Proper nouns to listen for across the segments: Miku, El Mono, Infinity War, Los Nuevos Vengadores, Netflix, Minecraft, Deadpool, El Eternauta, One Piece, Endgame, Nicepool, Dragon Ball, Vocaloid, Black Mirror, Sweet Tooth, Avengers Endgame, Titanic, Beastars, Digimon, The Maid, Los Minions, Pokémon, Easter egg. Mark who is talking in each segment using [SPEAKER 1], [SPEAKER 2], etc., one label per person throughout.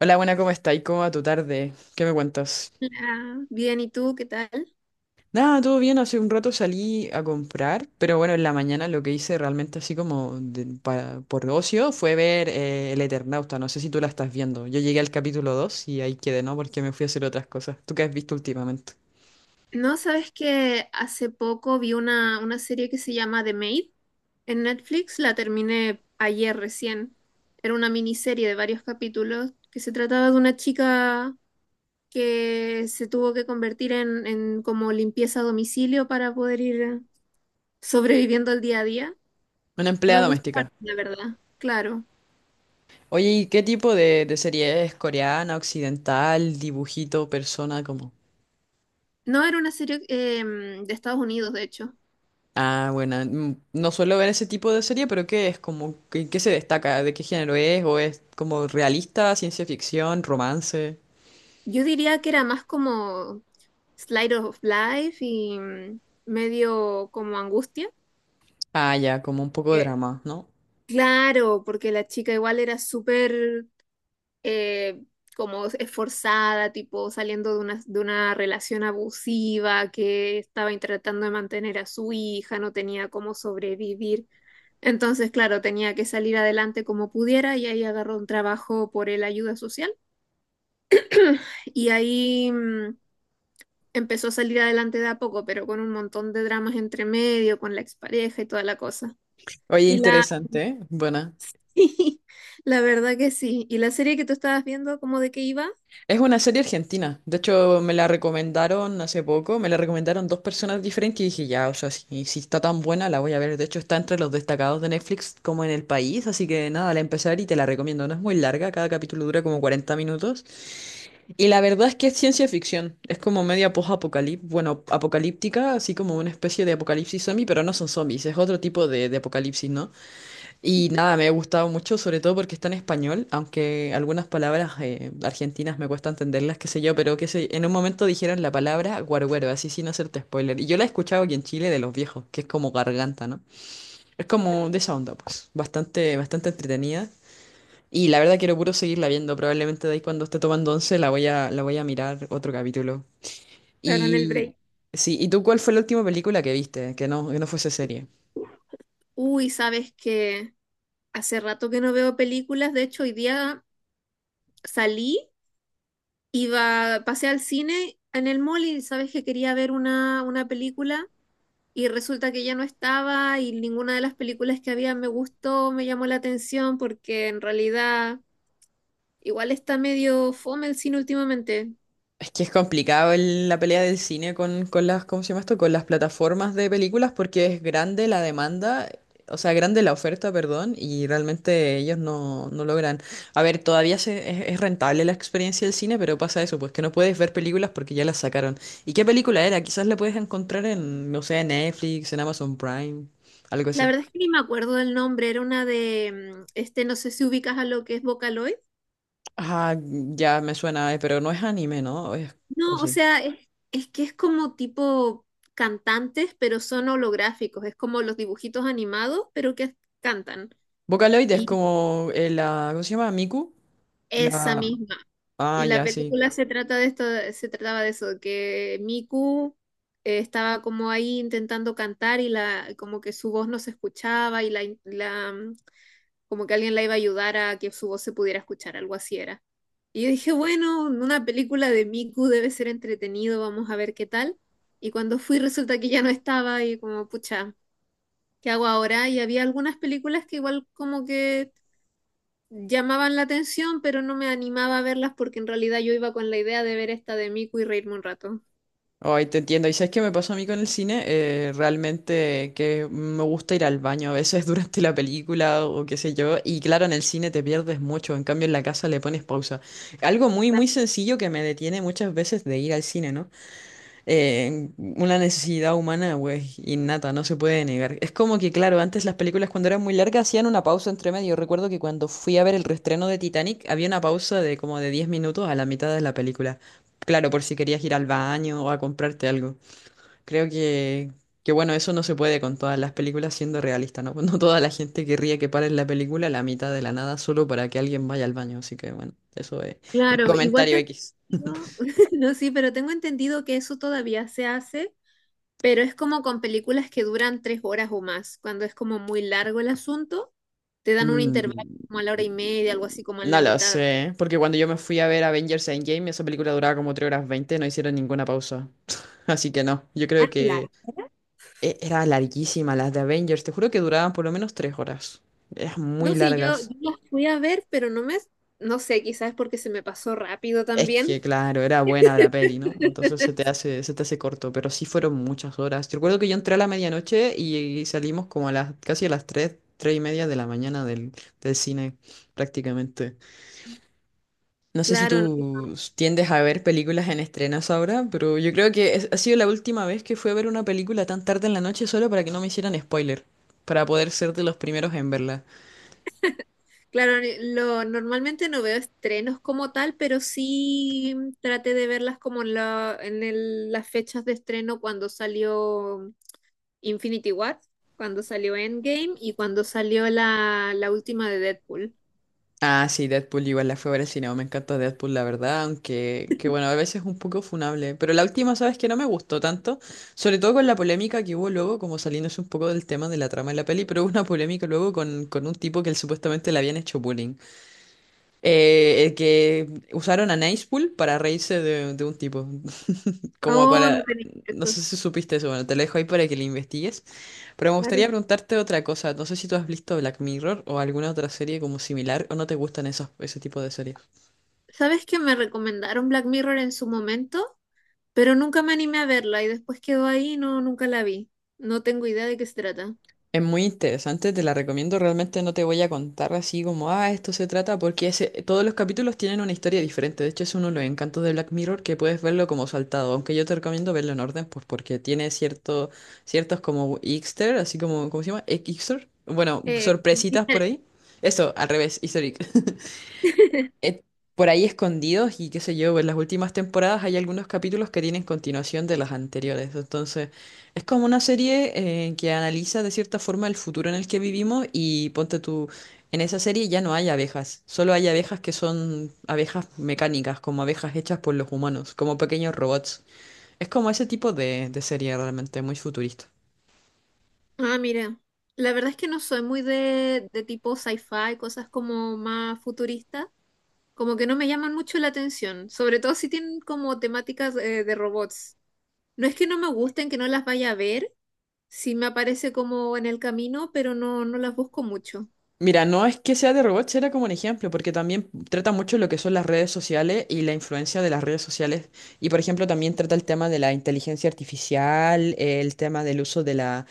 [SPEAKER 1] Hola, buena, ¿cómo estáis? ¿Cómo va tu tarde? ¿Qué me cuentas?
[SPEAKER 2] Hola, bien, ¿y tú qué tal?
[SPEAKER 1] Nada, todo bien, hace un rato salí a comprar, pero bueno, en la mañana lo que hice realmente así como por ocio fue ver El Eternauta, no sé si tú la estás viendo. Yo llegué al capítulo 2 y ahí quedé, ¿no? Porque me fui a hacer otras cosas. ¿Tú qué has visto últimamente?
[SPEAKER 2] No, sabes que hace poco vi una serie que se llama The Maid en Netflix, la terminé ayer recién. Era una miniserie de varios capítulos que se trataba de una chica que se tuvo que convertir en como limpieza a domicilio para poder ir sobreviviendo el día a día.
[SPEAKER 1] Una
[SPEAKER 2] Me
[SPEAKER 1] empleada
[SPEAKER 2] gusta,
[SPEAKER 1] doméstica.
[SPEAKER 2] la verdad, claro.
[SPEAKER 1] Oye, ¿y qué tipo de serie es? ¿Coreana, occidental, dibujito, persona, como?
[SPEAKER 2] No, era una serie de Estados Unidos, de hecho.
[SPEAKER 1] Ah, bueno, no suelo ver ese tipo de serie, pero ¿qué es? Como, ¿qué se destaca? ¿De qué género es? ¿O es como realista, ciencia ficción, romance?
[SPEAKER 2] Yo diría que era más como Slide of Life y medio como angustia.
[SPEAKER 1] Ah, ya, como un poco de
[SPEAKER 2] Eh,
[SPEAKER 1] drama, ¿no?
[SPEAKER 2] Claro, porque la chica igual era súper eh, como esforzada, tipo saliendo de una relación abusiva que estaba tratando de mantener a su hija, no tenía cómo sobrevivir. Entonces, claro, tenía que salir adelante como pudiera y ahí agarró un trabajo por el ayuda social. Y ahí empezó a salir adelante de a poco, pero con un montón de dramas entre medio, con la expareja y toda la cosa.
[SPEAKER 1] Oye,
[SPEAKER 2] Y la,
[SPEAKER 1] interesante, ¿eh? Buena.
[SPEAKER 2] sí, la verdad que sí. ¿Y la serie que tú estabas viendo, cómo de qué iba?
[SPEAKER 1] Es una serie argentina. De hecho, me la recomendaron hace poco. Me la recomendaron dos personas diferentes y dije, ya, o sea, si está tan buena, la voy a ver. De hecho, está entre los destacados de Netflix como en el país. Así que nada, la empecé a ver y te la recomiendo. No es muy larga, cada capítulo dura como 40 minutos. Y la verdad es que es ciencia ficción, es como media post-apocalíptica, bueno, apocalíptica, así como una especie de apocalipsis zombie, pero no son zombies, es otro tipo de apocalipsis, ¿no? Y nada, me ha gustado mucho, sobre todo porque está en español, aunque algunas palabras argentinas me cuesta entenderlas, qué sé yo, pero que sé, en un momento dijeron la palabra guarguero, así sin hacerte spoiler. Y yo la he escuchado aquí en Chile de los viejos, que es como garganta, ¿no? Es como de esa onda, pues, bastante, bastante entretenida. Y la verdad quiero puro seguirla viendo. Probablemente de ahí cuando esté tomando once la voy a mirar otro capítulo.
[SPEAKER 2] Claro, en el
[SPEAKER 1] Y
[SPEAKER 2] break.
[SPEAKER 1] sí, ¿y tú cuál fue la última película que viste? Que no fuese serie.
[SPEAKER 2] Uy, sabes que hace rato que no veo películas, de hecho hoy día salí, iba, pasé al cine en el mall y sabes que quería ver una película. Y resulta que ya no estaba y ninguna de las películas que había me gustó, me llamó la atención porque en realidad. Igual está medio fome el cine últimamente.
[SPEAKER 1] Es que es complicado la pelea del cine con las, ¿cómo se llama esto? Con las plataformas de películas porque es grande la demanda, o sea, grande la oferta, perdón, y realmente ellos no logran. A ver, es rentable la experiencia del cine, pero pasa eso, pues que no puedes ver películas porque ya las sacaron. ¿Y qué película era? Quizás la puedes encontrar en, no sé, en Netflix, en Amazon Prime, algo
[SPEAKER 2] La
[SPEAKER 1] así.
[SPEAKER 2] verdad es que ni me acuerdo del nombre, era una de, este, no sé si ubicas a lo que es Vocaloid.
[SPEAKER 1] Ah, ya me suena, pero no es anime, ¿no? ¿O, es- o
[SPEAKER 2] No, o
[SPEAKER 1] sí?
[SPEAKER 2] sea, es que es como tipo cantantes, pero son holográficos, es como los dibujitos animados, pero que cantan.
[SPEAKER 1] Vocaloid es
[SPEAKER 2] Y
[SPEAKER 1] como la, ¿cómo se llama? Miku.
[SPEAKER 2] esa
[SPEAKER 1] La,
[SPEAKER 2] misma.
[SPEAKER 1] ah,
[SPEAKER 2] Y la
[SPEAKER 1] ya, sí.
[SPEAKER 2] película se trata de esto, se trataba de eso, que Miku estaba como ahí intentando cantar y la, como que su voz no se escuchaba y como que alguien la iba a ayudar a que su voz se pudiera escuchar, algo así era. Y yo dije, bueno, una película de Miku debe ser entretenido, vamos a ver qué tal. Y cuando fui resulta que ya no estaba y como, pucha, ¿qué hago ahora? Y había algunas películas que igual como que llamaban la atención, pero no me animaba a verlas porque en realidad yo iba con la idea de ver esta de Miku y reírme un rato.
[SPEAKER 1] Ay, te entiendo. ¿Y sabes qué me pasó a mí con el cine? Realmente que me gusta ir al baño a veces durante la película o qué sé yo. Y claro, en el cine te pierdes mucho. En cambio, en la casa le pones pausa. Algo muy,
[SPEAKER 2] Cla-
[SPEAKER 1] muy sencillo que me detiene muchas veces de ir al cine, ¿no? Una necesidad humana, güey, innata, no se puede negar. Es como que, claro, antes las películas cuando eran muy largas hacían una pausa entre medio. Recuerdo que cuando fui a ver el reestreno de Titanic había una pausa de como de 10 minutos a la mitad de la película. Claro, por si querías ir al baño o a comprarte algo. Creo que, que bueno, eso no se puede con todas las películas siendo realista, ¿no? No toda la gente querría que paren la película a la mitad de la nada solo para que alguien vaya al baño. Así que bueno, eso es un
[SPEAKER 2] Claro,
[SPEAKER 1] comentario X.
[SPEAKER 2] no, sí, pero tengo entendido que eso todavía se hace. Pero es como con películas que duran 3 horas o más. Cuando es como muy largo el asunto, te dan un intervalo como
[SPEAKER 1] Mm,
[SPEAKER 2] a la hora y media, algo así como en la
[SPEAKER 1] no lo
[SPEAKER 2] mitad.
[SPEAKER 1] sé, porque cuando yo me fui a ver Avengers Endgame, esa película duraba como 3 horas 20 no hicieron ninguna pausa. Así que no, yo
[SPEAKER 2] Ah,
[SPEAKER 1] creo
[SPEAKER 2] claro.
[SPEAKER 1] que era larguísima las de Avengers, te juro que duraban por lo menos 3 horas. Eran
[SPEAKER 2] No,
[SPEAKER 1] muy
[SPEAKER 2] sí, yo,
[SPEAKER 1] largas.
[SPEAKER 2] las fui a ver, pero no me, no sé, quizás es porque se me pasó rápido
[SPEAKER 1] Es
[SPEAKER 2] también.
[SPEAKER 1] que, claro, era buena la peli, ¿no? Entonces se te hace corto, pero sí fueron muchas horas. Yo recuerdo que yo entré a la medianoche y salimos como a las, casi a las tres, 3 y media de la mañana del cine, prácticamente. No sé si
[SPEAKER 2] Claro, no-
[SPEAKER 1] tú tiendes a ver películas en estrenos ahora, pero yo creo que ha sido la última vez que fui a ver una película tan tarde en la noche solo para que no me hicieran spoiler, para poder ser de los primeros en verla.
[SPEAKER 2] claro, lo, normalmente no veo estrenos como tal, pero sí traté de verlas como en las fechas de estreno cuando salió Infinity War, cuando salió Endgame y cuando salió la última de Deadpool.
[SPEAKER 1] Ah, sí, Deadpool igual la fui a ver al cine, me encanta Deadpool, la verdad, aunque que bueno, a veces es un poco funable, pero la última, sabes que no me gustó tanto, sobre todo con la polémica que hubo luego, como saliéndose un poco del tema de la trama de la peli, pero hubo una polémica luego con un tipo que él supuestamente le habían hecho bullying. El que usaron a Nicepool para reírse de un tipo. Como
[SPEAKER 2] Oh, no
[SPEAKER 1] para.
[SPEAKER 2] tenía
[SPEAKER 1] No
[SPEAKER 2] eso,
[SPEAKER 1] sé si supiste eso, bueno, te lo dejo ahí para que lo investigues. Pero me gustaría
[SPEAKER 2] claro.
[SPEAKER 1] preguntarte otra cosa. No sé si tú has visto Black Mirror o alguna otra serie como similar o no te gustan ese tipo de series.
[SPEAKER 2] ¿Sabes que me recomendaron Black Mirror en su momento? Pero nunca me animé a verla y después quedó ahí, y no, nunca la vi. No tengo idea de qué se trata.
[SPEAKER 1] Es muy interesante, te la recomiendo. Realmente no te voy a contar así como, ah, esto se trata, porque ese, todos los capítulos tienen una historia diferente. De hecho, es uno de los encantos de Black Mirror que puedes verlo como saltado. Aunque yo te recomiendo verlo en orden, pues porque tiene ciertos como Easter, así como, ¿cómo se llama? Easter. Bueno, sorpresitas por
[SPEAKER 2] Diferente.
[SPEAKER 1] ahí. Eso, al revés, Easter egg eh, por ahí escondidos y qué sé yo, en las últimas temporadas hay algunos capítulos que tienen continuación de las anteriores. Entonces, es como una serie que analiza de cierta forma el futuro en el que vivimos y ponte tú, en esa serie ya no hay abejas, solo hay abejas que son abejas mecánicas, como abejas hechas por los humanos, como pequeños robots. Es como ese tipo de serie realmente muy futurista.
[SPEAKER 2] Ah, mira, la verdad es que no soy muy de tipo sci-fi, cosas como más futuristas, como que no me llaman mucho la atención, sobre todo si tienen como temáticas de robots. No es que no me gusten, que no las vaya a ver, sí me aparece como en el camino, pero no, no las busco mucho.
[SPEAKER 1] Mira, no es que sea de robots, era como un ejemplo, porque también trata mucho lo que son las redes sociales y la influencia de las redes sociales. Y por ejemplo, también trata el tema de la inteligencia artificial, el tema del uso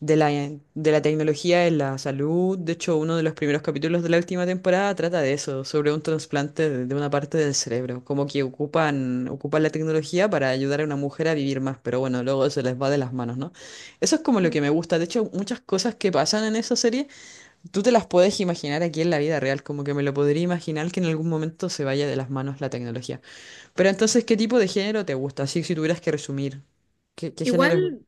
[SPEAKER 1] de la, de la tecnología en la salud. De hecho, uno de los primeros capítulos de la última temporada trata de eso, sobre un trasplante de una parte del cerebro. Como que ocupan la tecnología para ayudar a una mujer a vivir más, pero bueno, luego se les va de las manos, ¿no? Eso es como lo
[SPEAKER 2] Mm,
[SPEAKER 1] que me gusta. De hecho, muchas cosas que pasan en esa serie. Tú te las puedes imaginar aquí en la vida real, como que me lo podría imaginar que en algún momento se vaya de las manos la tecnología. Pero entonces, ¿qué tipo de género te gusta? Así si tuvieras que resumir, ¿qué género es?
[SPEAKER 2] Igual,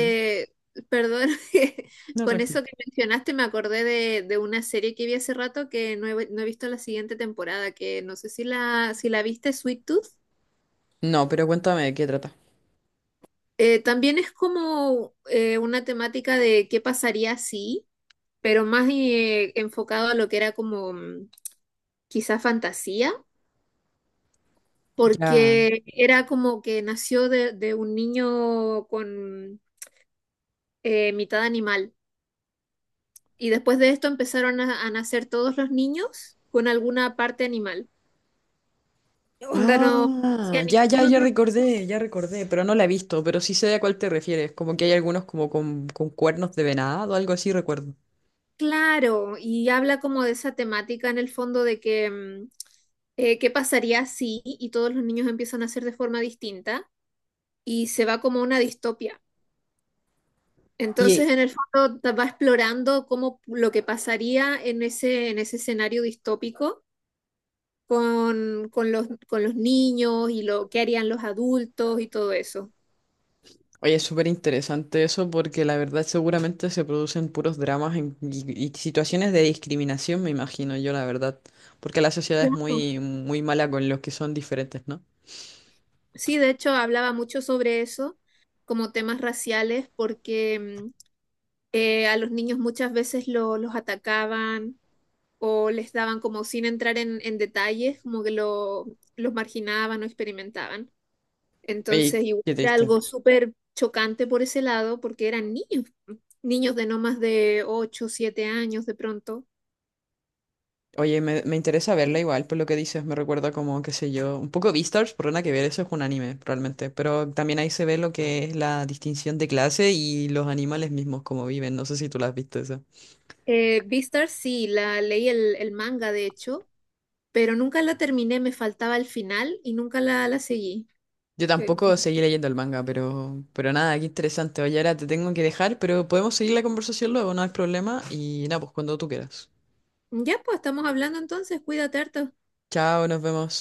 [SPEAKER 1] Ujú.
[SPEAKER 2] perdón, que
[SPEAKER 1] No,
[SPEAKER 2] con
[SPEAKER 1] tranquilo.
[SPEAKER 2] eso que mencionaste me acordé de una serie que vi hace rato que no he visto la siguiente temporada, que no sé si la viste, Sweet Tooth.
[SPEAKER 1] No, pero cuéntame de qué trata.
[SPEAKER 2] También es como una temática de qué pasaría si, pero más enfocado a lo que era como quizá fantasía.
[SPEAKER 1] Ya.
[SPEAKER 2] Porque era como que nació de un niño con mitad animal. Y después de esto empezaron a nacer todos los niños con alguna parte animal. Onda no hacía
[SPEAKER 1] Ah, ya, ya,
[SPEAKER 2] ningún otro.
[SPEAKER 1] ya recordé, pero no la he visto, pero sí sé a cuál te refieres, como que hay algunos como con cuernos de venado, algo así recuerdo.
[SPEAKER 2] Claro, y habla como de esa temática en el fondo de que qué pasaría si y todos los niños empiezan a ser de forma distinta y se va como una distopia. Entonces, en el fondo, va explorando cómo lo que pasaría en en ese escenario distópico con los niños y lo que harían los adultos y todo eso.
[SPEAKER 1] Oye, es súper interesante eso porque la verdad seguramente se producen puros dramas y situaciones de discriminación, me imagino yo, la verdad. Porque la sociedad es
[SPEAKER 2] Claro.
[SPEAKER 1] muy, muy mala con los que son diferentes, ¿no?
[SPEAKER 2] Sí, de hecho hablaba mucho sobre eso, como temas raciales, porque a los niños muchas veces los atacaban o les daban como sin entrar en detalles, como que los marginaban o experimentaban.
[SPEAKER 1] Oye,
[SPEAKER 2] Entonces, igual
[SPEAKER 1] qué
[SPEAKER 2] era
[SPEAKER 1] triste.
[SPEAKER 2] algo súper chocante por ese lado, porque eran niños, niños de no más de 8 7 años de pronto.
[SPEAKER 1] Oye, me interesa verla igual, por lo que dices, me recuerda como, qué sé yo, un poco Beastars, por nada que ver, eso es un anime realmente, pero también ahí se ve lo que es la distinción de clase y los animales mismos como viven, no sé si tú las viste.
[SPEAKER 2] Beastars sí, la leí el manga de hecho, pero nunca la terminé, me faltaba el final y nunca la seguí.
[SPEAKER 1] Yo
[SPEAKER 2] Eh,
[SPEAKER 1] tampoco seguí leyendo el manga, pero nada, qué interesante. Oye, ahora te tengo que dejar, pero podemos seguir la conversación luego, no hay problema. Y nada, pues cuando tú quieras.
[SPEAKER 2] ya pues, estamos hablando entonces, cuídate harto.
[SPEAKER 1] Chao, nos vemos.